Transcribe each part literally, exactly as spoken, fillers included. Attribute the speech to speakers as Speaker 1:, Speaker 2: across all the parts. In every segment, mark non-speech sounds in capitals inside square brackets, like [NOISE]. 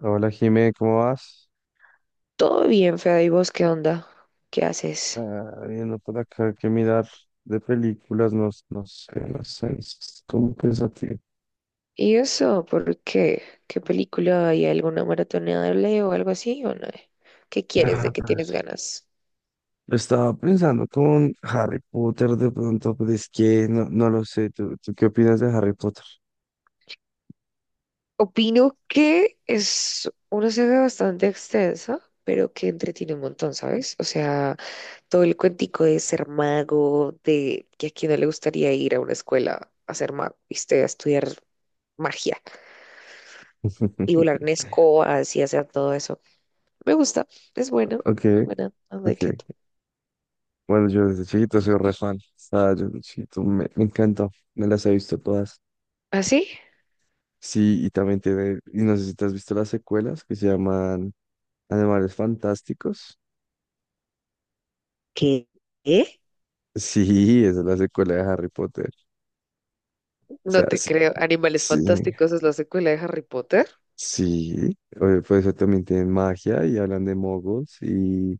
Speaker 1: Hola Jimé, ¿cómo vas?
Speaker 2: Todo bien, Fede, ¿y vos qué onda? ¿Qué haces?
Speaker 1: Ah, viendo por acá que mirar de películas, no, no sé, no sé, es como pensativo.
Speaker 2: ¿Y eso por qué? ¿Qué película hay alguna maratoneable o algo así o no? ¿Qué quieres?
Speaker 1: Ah,
Speaker 2: ¿De qué tienes ganas?
Speaker 1: estaba pensando con Harry Potter de pronto, pero es que no, no lo sé. ¿Tú, tú qué opinas de Harry Potter?
Speaker 2: Opino que es una saga bastante extensa, pero que entretiene un montón, ¿sabes? O sea, todo el cuentico de ser mago, de que a quién no le gustaría ir a una escuela a ser mago, ¿viste? A estudiar magia y
Speaker 1: [LAUGHS]
Speaker 2: volar en escobas y hacer todo eso. Me gusta, es buena,
Speaker 1: Ok,
Speaker 2: buena, ¿no? ¿De
Speaker 1: ok.
Speaker 2: qué
Speaker 1: Bueno, yo desde chiquito soy re fan. Ah, yo desde chiquito me, me encantó, me las he visto todas.
Speaker 2: ¿Así?
Speaker 1: Sí, y también tiene, y no sé si te has visto las secuelas que se llaman Animales Fantásticos.
Speaker 2: ¿Qué? ¿Eh?
Speaker 1: Sí, esa es la secuela de Harry Potter. O
Speaker 2: No
Speaker 1: sea,
Speaker 2: te
Speaker 1: sí,
Speaker 2: creo. Animales
Speaker 1: sí,
Speaker 2: Fantásticos es la secuela de Harry Potter.
Speaker 1: sí. Oye, pues eso también tienen magia y hablan de moguls y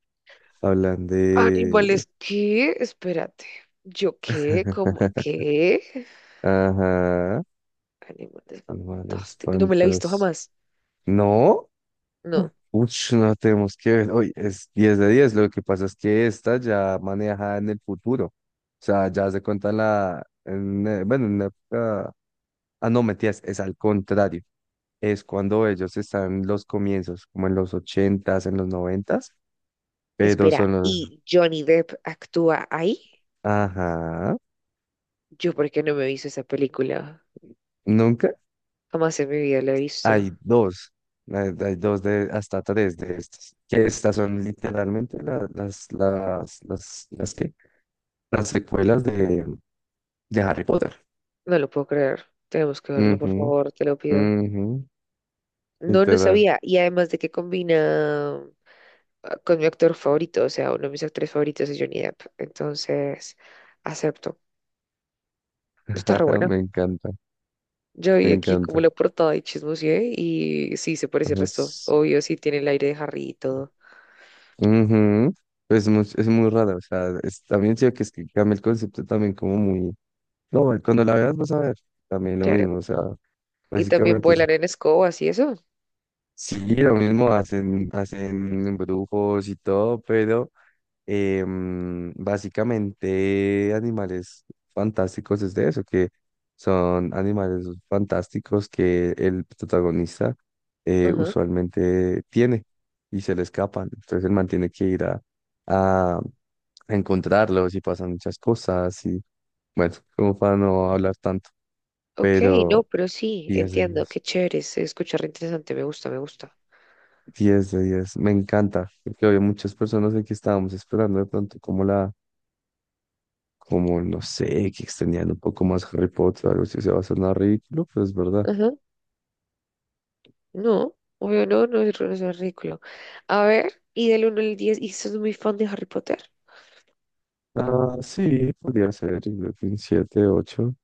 Speaker 1: hablan de...
Speaker 2: ¿Animales qué? Espérate. ¿Yo qué? ¿Cómo
Speaker 1: [LAUGHS]
Speaker 2: qué?
Speaker 1: Ajá,
Speaker 2: Animales
Speaker 1: animales
Speaker 2: Fantásticos. No me la he visto
Speaker 1: fantas.
Speaker 2: jamás.
Speaker 1: No,
Speaker 2: No.
Speaker 1: uch, no tenemos que ver. Oye, es diez de diez. Lo que pasa es que esta ya maneja en el futuro. O sea, ya se cuenta en la. en, eh, bueno, en la época. Ah, no, metías, es al contrario. Es cuando ellos están en los comienzos, como en los ochentas, en los noventas, pero
Speaker 2: Espera,
Speaker 1: son los...
Speaker 2: ¿y Johnny Depp actúa ahí?
Speaker 1: Ajá,
Speaker 2: ¿Yo por qué no me he visto esa película?
Speaker 1: nunca
Speaker 2: Jamás en mi vida la he visto.
Speaker 1: hay dos, hay, hay dos de hasta tres de estas, que estas son literalmente la- las, las, las, las, ¿qué? Las secuelas de, de Harry Potter.
Speaker 2: No lo puedo creer. Tenemos que verla, por
Speaker 1: Ujú,
Speaker 2: favor, te lo pido.
Speaker 1: ujú,
Speaker 2: No, no
Speaker 1: literal.
Speaker 2: sabía. Y además de que combina ah, con mi actor favorito, o sea, uno de mis actores favoritos es Johnny Depp. Entonces, acepto. Está re
Speaker 1: [LAUGHS]
Speaker 2: buena.
Speaker 1: Me encanta,
Speaker 2: Yo
Speaker 1: me
Speaker 2: vi aquí como
Speaker 1: encanta.
Speaker 2: la portada y chismoseé y sí, se parece el resto.
Speaker 1: Entonces,
Speaker 2: Obvio, sí, tiene el aire de Harry y todo.
Speaker 1: ujú, Es muy, es muy raro, o sea, es, también siento que es que cambia el concepto también como muy. No, güey, cuando la veas vas a ver, también lo
Speaker 2: Claro.
Speaker 1: mismo, o sea,
Speaker 2: Y también
Speaker 1: básicamente es-
Speaker 2: vuelan en escobas y eso.
Speaker 1: sí, lo mismo hacen, hacen embrujos y todo, pero em, básicamente animales fantásticos es de eso, que son animales fantásticos que el protagonista eh,
Speaker 2: Ajá.
Speaker 1: usualmente tiene y se le escapan, entonces el man tiene que ir a, a encontrarlos y pasan muchas cosas y bueno, como para no hablar tanto,
Speaker 2: Ok, no,
Speaker 1: pero...
Speaker 2: pero sí,
Speaker 1: diez de
Speaker 2: entiendo.
Speaker 1: diez.
Speaker 2: Qué chévere, se escucha re interesante. Me gusta, me gusta.
Speaker 1: 10 de diez. Me encanta, porque había muchas personas de que estábamos esperando de pronto como la, como no sé, que extendían un poco más Harry Potter, algo así se va a sonar ridículo, pero es verdad.
Speaker 2: Ajá. No, obvio, no, no, es no es ridículo. A ver, ¿y del uno al diez y sos muy fan de Harry Potter?
Speaker 1: Ah, sí, podría ser, yo creo que un siete, ocho.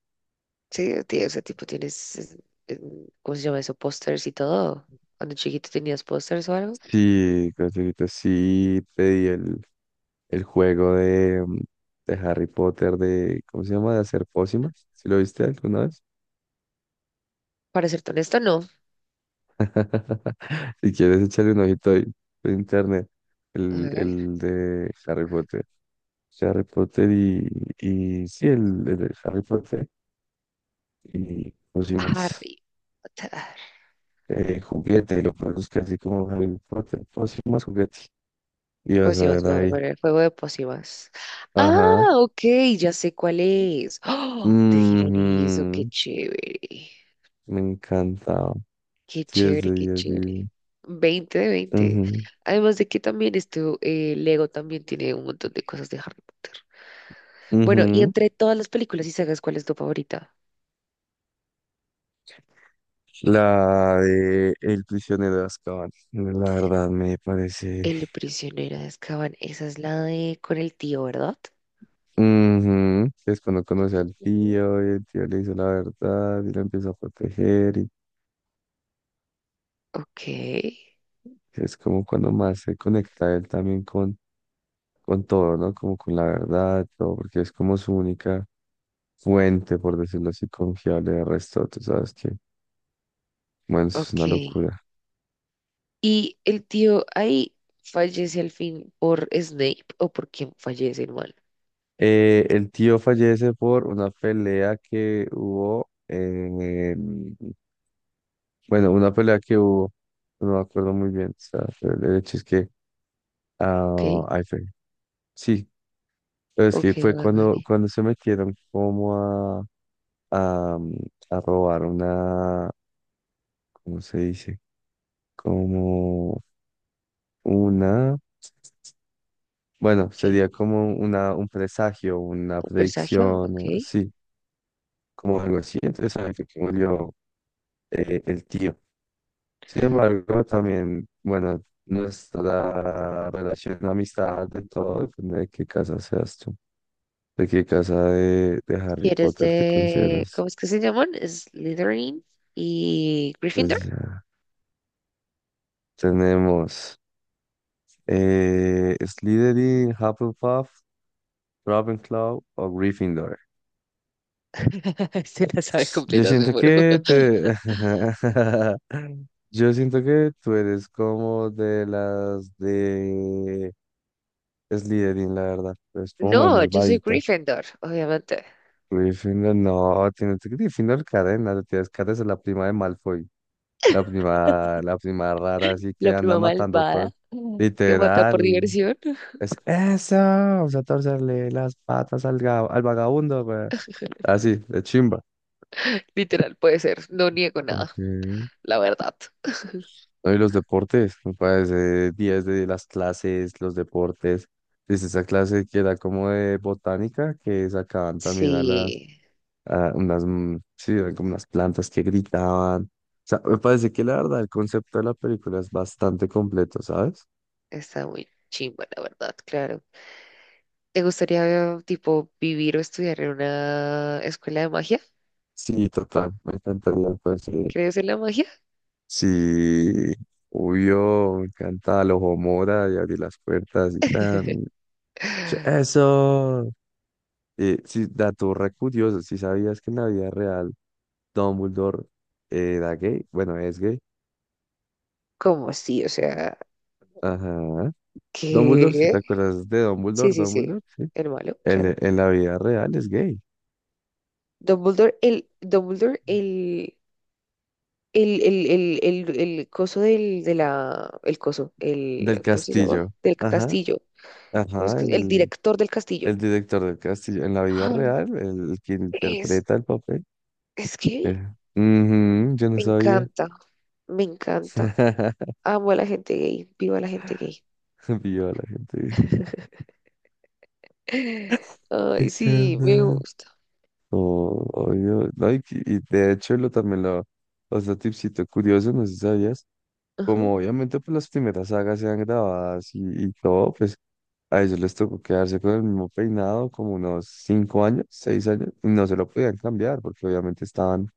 Speaker 2: Sí, tie- o sea, tipo, tienes, es- em, ¿cómo se llama eso? Pósters y todo. Cuando chiquito tenías pósters o algo.
Speaker 1: Sí, ahorita sí pedí el, el juego de, mm, de Harry Potter de, ¿cómo se llama? De hacer pócimas. ¿Si lo viste alguna vez?
Speaker 2: Para serte honesto, no.
Speaker 1: [LAUGHS] Si quieres echarle un ojito ahí por internet.
Speaker 2: A
Speaker 1: El,
Speaker 2: ver,
Speaker 1: el de Harry Potter. Sea, Harry Potter y, y sí, el, el de Harry Potter y pócimas,
Speaker 2: Harry Potter.
Speaker 1: eh, juguete, lo produzcas así como Harry Potter, pócimas, juguete, y vas a
Speaker 2: Pócimas,
Speaker 1: ver
Speaker 2: voy a
Speaker 1: ahí,
Speaker 2: poner juego de pócimas.
Speaker 1: ajá,
Speaker 2: Ah, ok, ya sé cuál es. ¡Oh! Te dieron
Speaker 1: ujú,
Speaker 2: eso, qué chévere.
Speaker 1: me encantaba,
Speaker 2: Qué
Speaker 1: diez de
Speaker 2: chévere, qué
Speaker 1: diez,
Speaker 2: chévere.
Speaker 1: divino,
Speaker 2: Veinte de veinte.
Speaker 1: ujú,
Speaker 2: Además de que también esto, eh, Lego también tiene un montón de cosas de Harry Potter. Bueno, y
Speaker 1: ujú.
Speaker 2: entre todas las películas y sagas, ¿cuál es tu favorita?
Speaker 1: La de El prisionero de Azkaban, la verdad me parece,
Speaker 2: El prisionero de Azkaban, esa es la de con el tío, ¿verdad?
Speaker 1: ujú, es cuando conoce al
Speaker 2: Ujú.
Speaker 1: tío, y el tío le hizo la verdad, y lo empieza a proteger.
Speaker 2: Ok,
Speaker 1: Es como cuando más se conecta él también con, con todo, ¿no? Como con la verdad, todo, porque es como su única fuente, por decirlo así, confiable de resto. Tú sabes que, bueno, eso es una
Speaker 2: ok.
Speaker 1: locura.
Speaker 2: ¿Y el tío ahí fallece al fin por Snape o por quién fallece el mal?
Speaker 1: Eh, el tío fallece por una pelea que hubo, eh, bueno, una pelea que hubo, no me acuerdo muy bien, o sea, pero el hecho es que,
Speaker 2: Ok,
Speaker 1: ah, ay, fue, sí, pero es
Speaker 2: ok,
Speaker 1: que fue
Speaker 2: vale,
Speaker 1: cuando,
Speaker 2: vale.
Speaker 1: cuando se metieron como a, a, a robar una... ¿Cómo se dice? Como una, bueno,
Speaker 2: Ok.
Speaker 1: sería como una, un presagio, una
Speaker 2: ¿Un
Speaker 1: predicción,
Speaker 2: presagio? Ok.
Speaker 1: o-
Speaker 2: Si
Speaker 1: sí, como algo así. Entonces, sabe que murió eh, el tío. Sin embargo, también, bueno, nuestra relación de amistad, de todo, depende de qué casa seas tú, de qué casa de, de Harry
Speaker 2: eres
Speaker 1: Potter te
Speaker 2: de...
Speaker 1: consideras.
Speaker 2: ¿Cómo es que se llaman? Slytherin y Gryffindor.
Speaker 1: Pues ya tenemos eh, Slytherin, Hufflepuff, Ravenclaw o Gryffindor.
Speaker 2: [LAUGHS] Se la sabe
Speaker 1: Yo
Speaker 2: completa, me
Speaker 1: siento
Speaker 2: muero.
Speaker 1: que
Speaker 2: [LAUGHS]
Speaker 1: te... [LAUGHS] Yo siento que tú eres como de las de Slytherin, la verdad. Es como más
Speaker 2: No, yo soy
Speaker 1: malvadita.
Speaker 2: Gryffindor, obviamente.
Speaker 1: Gryffindor, no, tienes que Gryffindor cadena, te tienes que es la prima de Malfoy. La prima, la prima rara, así que
Speaker 2: La
Speaker 1: anda
Speaker 2: prima
Speaker 1: matando todo.
Speaker 2: malvada que mata
Speaker 1: Literal.
Speaker 2: por diversión. [LAUGHS]
Speaker 1: Es eso, vamos a torcerle las patas al, ga- al vagabundo, güey. Así, de chimba.
Speaker 2: Literal, puede ser. No niego nada,
Speaker 1: Ok.
Speaker 2: la verdad.
Speaker 1: No, y los deportes, me parece días de las clases, los deportes. Desde esa clase que era como de botánica, que sacaban también a las,
Speaker 2: Sí,
Speaker 1: a unas, mm, sí, eran como unas plantas que gritaban. O sea, me parece que la verdad, el concepto de la película es bastante completo, ¿sabes?
Speaker 2: está muy chimba, la verdad, claro. ¿Te gustaría, eh, tipo, vivir o estudiar en una escuela de magia?
Speaker 1: Sí, total, me encantaría, pues, sí.
Speaker 2: ¿Crees en la magia?
Speaker 1: Sí, obvio, me encanta el ojo mora y abrir las puertas y
Speaker 2: [LAUGHS]
Speaker 1: tan. Yo, Eso. Eh, sí, dato re curioso, si sabías que en la vida real Dumbledore eh, era gay, bueno, es gay.
Speaker 2: ¿Cómo sí? O sea,
Speaker 1: Ajá. Dumbledore, si
Speaker 2: ¿qué?
Speaker 1: te acuerdas de
Speaker 2: Sí,
Speaker 1: Dumbledore,
Speaker 2: sí, sí.
Speaker 1: Dumbledore, sí.
Speaker 2: El malo,
Speaker 1: En
Speaker 2: claro.
Speaker 1: en la vida real es gay.
Speaker 2: Dumbledore, el, Dumbledore, el, el, el, el, el, el coso del, de la, el coso,
Speaker 1: Del
Speaker 2: el, ¿cómo se llama?
Speaker 1: castillo.
Speaker 2: Del
Speaker 1: Ajá,
Speaker 2: castillo. ¿Cómo es
Speaker 1: ajá,
Speaker 2: que? El
Speaker 1: el,
Speaker 2: director del castillo.
Speaker 1: el director del castillo. En la vida
Speaker 2: Ah,
Speaker 1: real, el, el que
Speaker 2: Es,
Speaker 1: interpreta el papel.
Speaker 2: es
Speaker 1: Eh,
Speaker 2: que
Speaker 1: ujú, yo no
Speaker 2: me
Speaker 1: sabía.
Speaker 2: encanta, me encanta.
Speaker 1: [LAUGHS]
Speaker 2: Amo a la gente gay, viva la gente gay.
Speaker 1: Vio a la gente.
Speaker 2: [LAUGHS]
Speaker 1: "Ay,
Speaker 2: Ay, sí, me
Speaker 1: carnal".
Speaker 2: gusta.
Speaker 1: Oh, obvio. No, y, que- y de hecho lo también lo, otro tipcito curioso, no sé si sabías
Speaker 2: Ajá,
Speaker 1: como obviamente pues las primeras sagas se han grabadas y, y todo, pues a ellos les tocó quedarse con el mismo peinado como unos cinco años, seis años, y no se lo podían cambiar porque obviamente estaban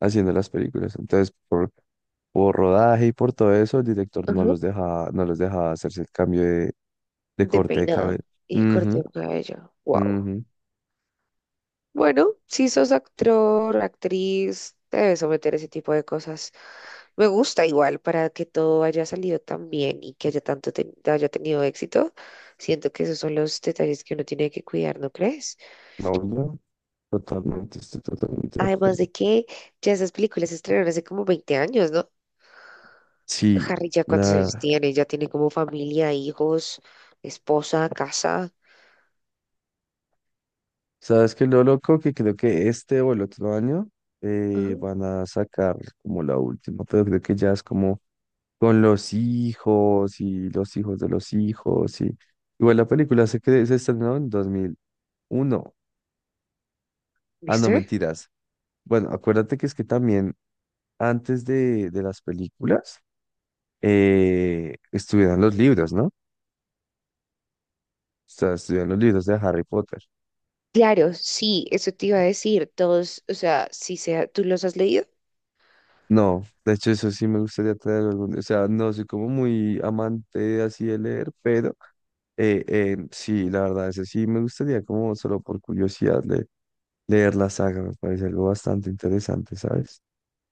Speaker 1: haciendo las películas. Entonces, por, por rodaje y por todo eso, el director no
Speaker 2: ajá.
Speaker 1: los dejaba, no los dejaba hacerse el cambio de, de
Speaker 2: De
Speaker 1: corte de
Speaker 2: peinado
Speaker 1: cabello.
Speaker 2: y de corte
Speaker 1: Ujú,
Speaker 2: de cabello. Wow.
Speaker 1: ujú.
Speaker 2: Bueno, si sos actor, actriz, te debes someter a ese tipo de cosas. Me gusta igual para que todo haya salido tan bien y que haya tanto te- haya tenido éxito. Siento que esos son los detalles que uno tiene que cuidar, ¿no crees?
Speaker 1: No, no, totalmente, estoy totalmente de
Speaker 2: Además
Speaker 1: acuerdo.
Speaker 2: de que ya esas películas se estrenaron hace como veinte años, ¿no?
Speaker 1: Sí,
Speaker 2: Harry ya cuántos años
Speaker 1: la,
Speaker 2: tiene, ya tiene como familia, hijos, esposa, casa.
Speaker 1: ¿sabes qué es lo loco? Que creo que este o el otro año eh,
Speaker 2: Ujú.
Speaker 1: van a sacar como la última, pero creo que ya es como con los hijos y los hijos de los hijos y... Igual la película se, cre- se estrenó en dos mil uno. Ah, no,
Speaker 2: ¿Viste?
Speaker 1: mentiras. Bueno, acuérdate que es que también antes de, de las películas eh, estuvieron los libros, ¿no? O sea, estuvieron los libros de Harry Potter.
Speaker 2: Claro, sí, eso te iba a decir. Todos, o sea, si sea, tú los has leído
Speaker 1: No, de hecho eso sí me gustaría traer algún, o sea, no soy como muy amante así de leer, pero Eh, eh, sí, la verdad, ese sí me gustaría como solo por curiosidad le- leer la saga, me parece algo bastante interesante, ¿sabes?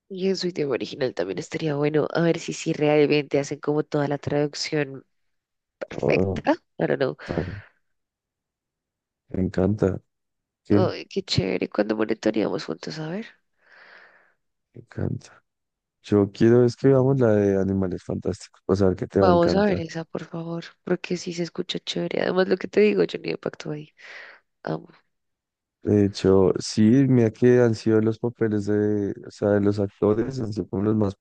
Speaker 2: y en su idioma original también estaría bueno a ver si, si realmente hacen como toda la traducción
Speaker 1: Oh,
Speaker 2: perfecta. I don't know.
Speaker 1: ta- me encanta, que me
Speaker 2: Ay, qué chévere. ¿Cuando monitoreamos juntos? A ver.
Speaker 1: encanta. Yo quiero es que veamos la de Animales Fantásticos, para saber que te va a
Speaker 2: Vamos a ver
Speaker 1: encantar.
Speaker 2: esa, por favor, porque sí se escucha chévere. Además, lo que te digo, yo ni impacto ahí.
Speaker 1: De hecho, sí, mira que han sido los papeles de, o sea, de los actores, han sido como los más,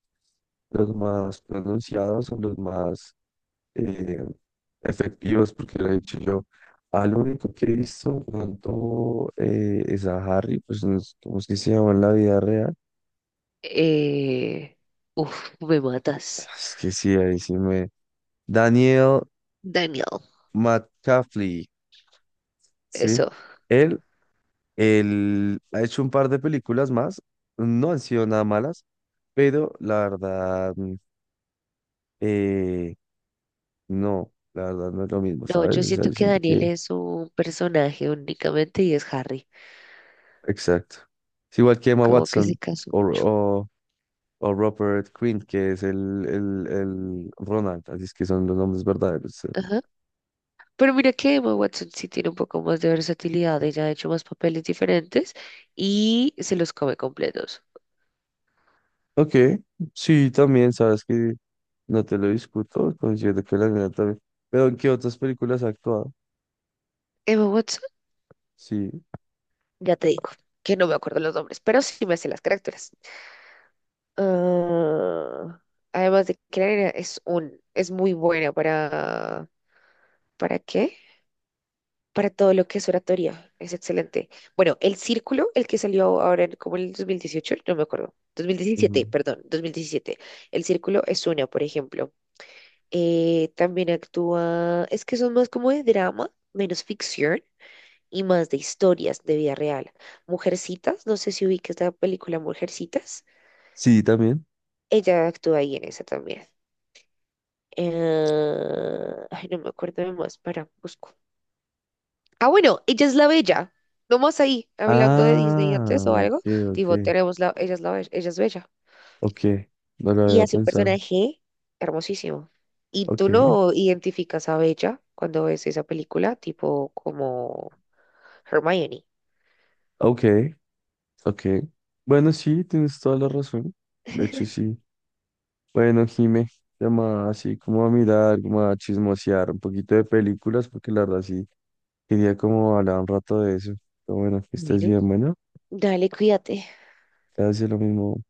Speaker 1: los más pronunciados, o los más eh, efectivas, porque lo he dicho yo. Al único que he visto tanto eh, es a Harry, pues no sé cómo es que se llama en la vida real.
Speaker 2: Eh, Uf, me matas.
Speaker 1: Es que sí, ahí sí me. Daniel
Speaker 2: Daniel,
Speaker 1: McCaffrey, ¿sí?
Speaker 2: eso.
Speaker 1: Él, él ha hecho un par de películas más, no han sido nada malas, pero la verdad, mm, eh, no, la verdad no es lo mismo,
Speaker 2: No, yo
Speaker 1: ¿sabes? O sea,
Speaker 2: siento
Speaker 1: yo
Speaker 2: que
Speaker 1: siento
Speaker 2: Daniel
Speaker 1: que.
Speaker 2: es un personaje únicamente y es Harry.
Speaker 1: Exacto. Es igual que Emma
Speaker 2: Como que se
Speaker 1: Watson,
Speaker 2: casó
Speaker 1: o,
Speaker 2: mucho.
Speaker 1: o o Robert Quinn, que es el, el, el Ronald, así es que son los nombres verdaderos. eh.
Speaker 2: Ajá. Pero mira que Emma Watson sí tiene un poco más de versatilidad. Ella ha hecho más papeles diferentes y se los come completos.
Speaker 1: Ok, sí, también, sabes que no te lo discuto, considero que la nena también. Pero ¿en qué otras películas ha actuado?
Speaker 2: Emma Watson,
Speaker 1: Sí,
Speaker 2: ya te digo, que no me acuerdo los nombres, pero sí me sé las caricaturas. Ah, además de que la nena es un, es muy buena para, ¿para qué? Para todo lo que es oratoria. Es excelente. Bueno, el círculo, el que salió ahora en, como en el dos mil dieciocho no me acuerdo. dos mil
Speaker 1: ujú.
Speaker 2: diecisiete perdón, dos mil diecisiete. El círculo es una, por ejemplo. Eh, también actúa, es que son más como de drama, menos ficción y más de historias de vida real. Mujercitas, no sé si ubicas la película Mujercitas.
Speaker 1: Sí, también.
Speaker 2: Ella actúa ahí en esa también. Eh, ay, no me acuerdo de más, para, busco. Ah, bueno, Ella es la Bella. Nomás ahí, hablando de Disney antes
Speaker 1: Ah,
Speaker 2: o algo.
Speaker 1: ok,
Speaker 2: Tipo,
Speaker 1: ok.
Speaker 2: tenemos la, Ella es la Bella, Ella es Bella.
Speaker 1: Ok, no lo
Speaker 2: Y
Speaker 1: había
Speaker 2: hace un
Speaker 1: pensado.
Speaker 2: personaje hermosísimo. Y
Speaker 1: Ok,
Speaker 2: tú no identificas a Bella cuando ves esa película, tipo como Hermione.
Speaker 1: ok, ok. Bueno, sí, tienes toda la razón. De hecho, sí. Bueno, Jime, llamaba así como a mirar, como a chismosear un poquito de películas, porque la verdad sí, quería como hablar un rato de eso. Pero bueno, que estés
Speaker 2: Bueno,
Speaker 1: bien, bueno,
Speaker 2: dale, cuídate.
Speaker 1: te hace lo mismo.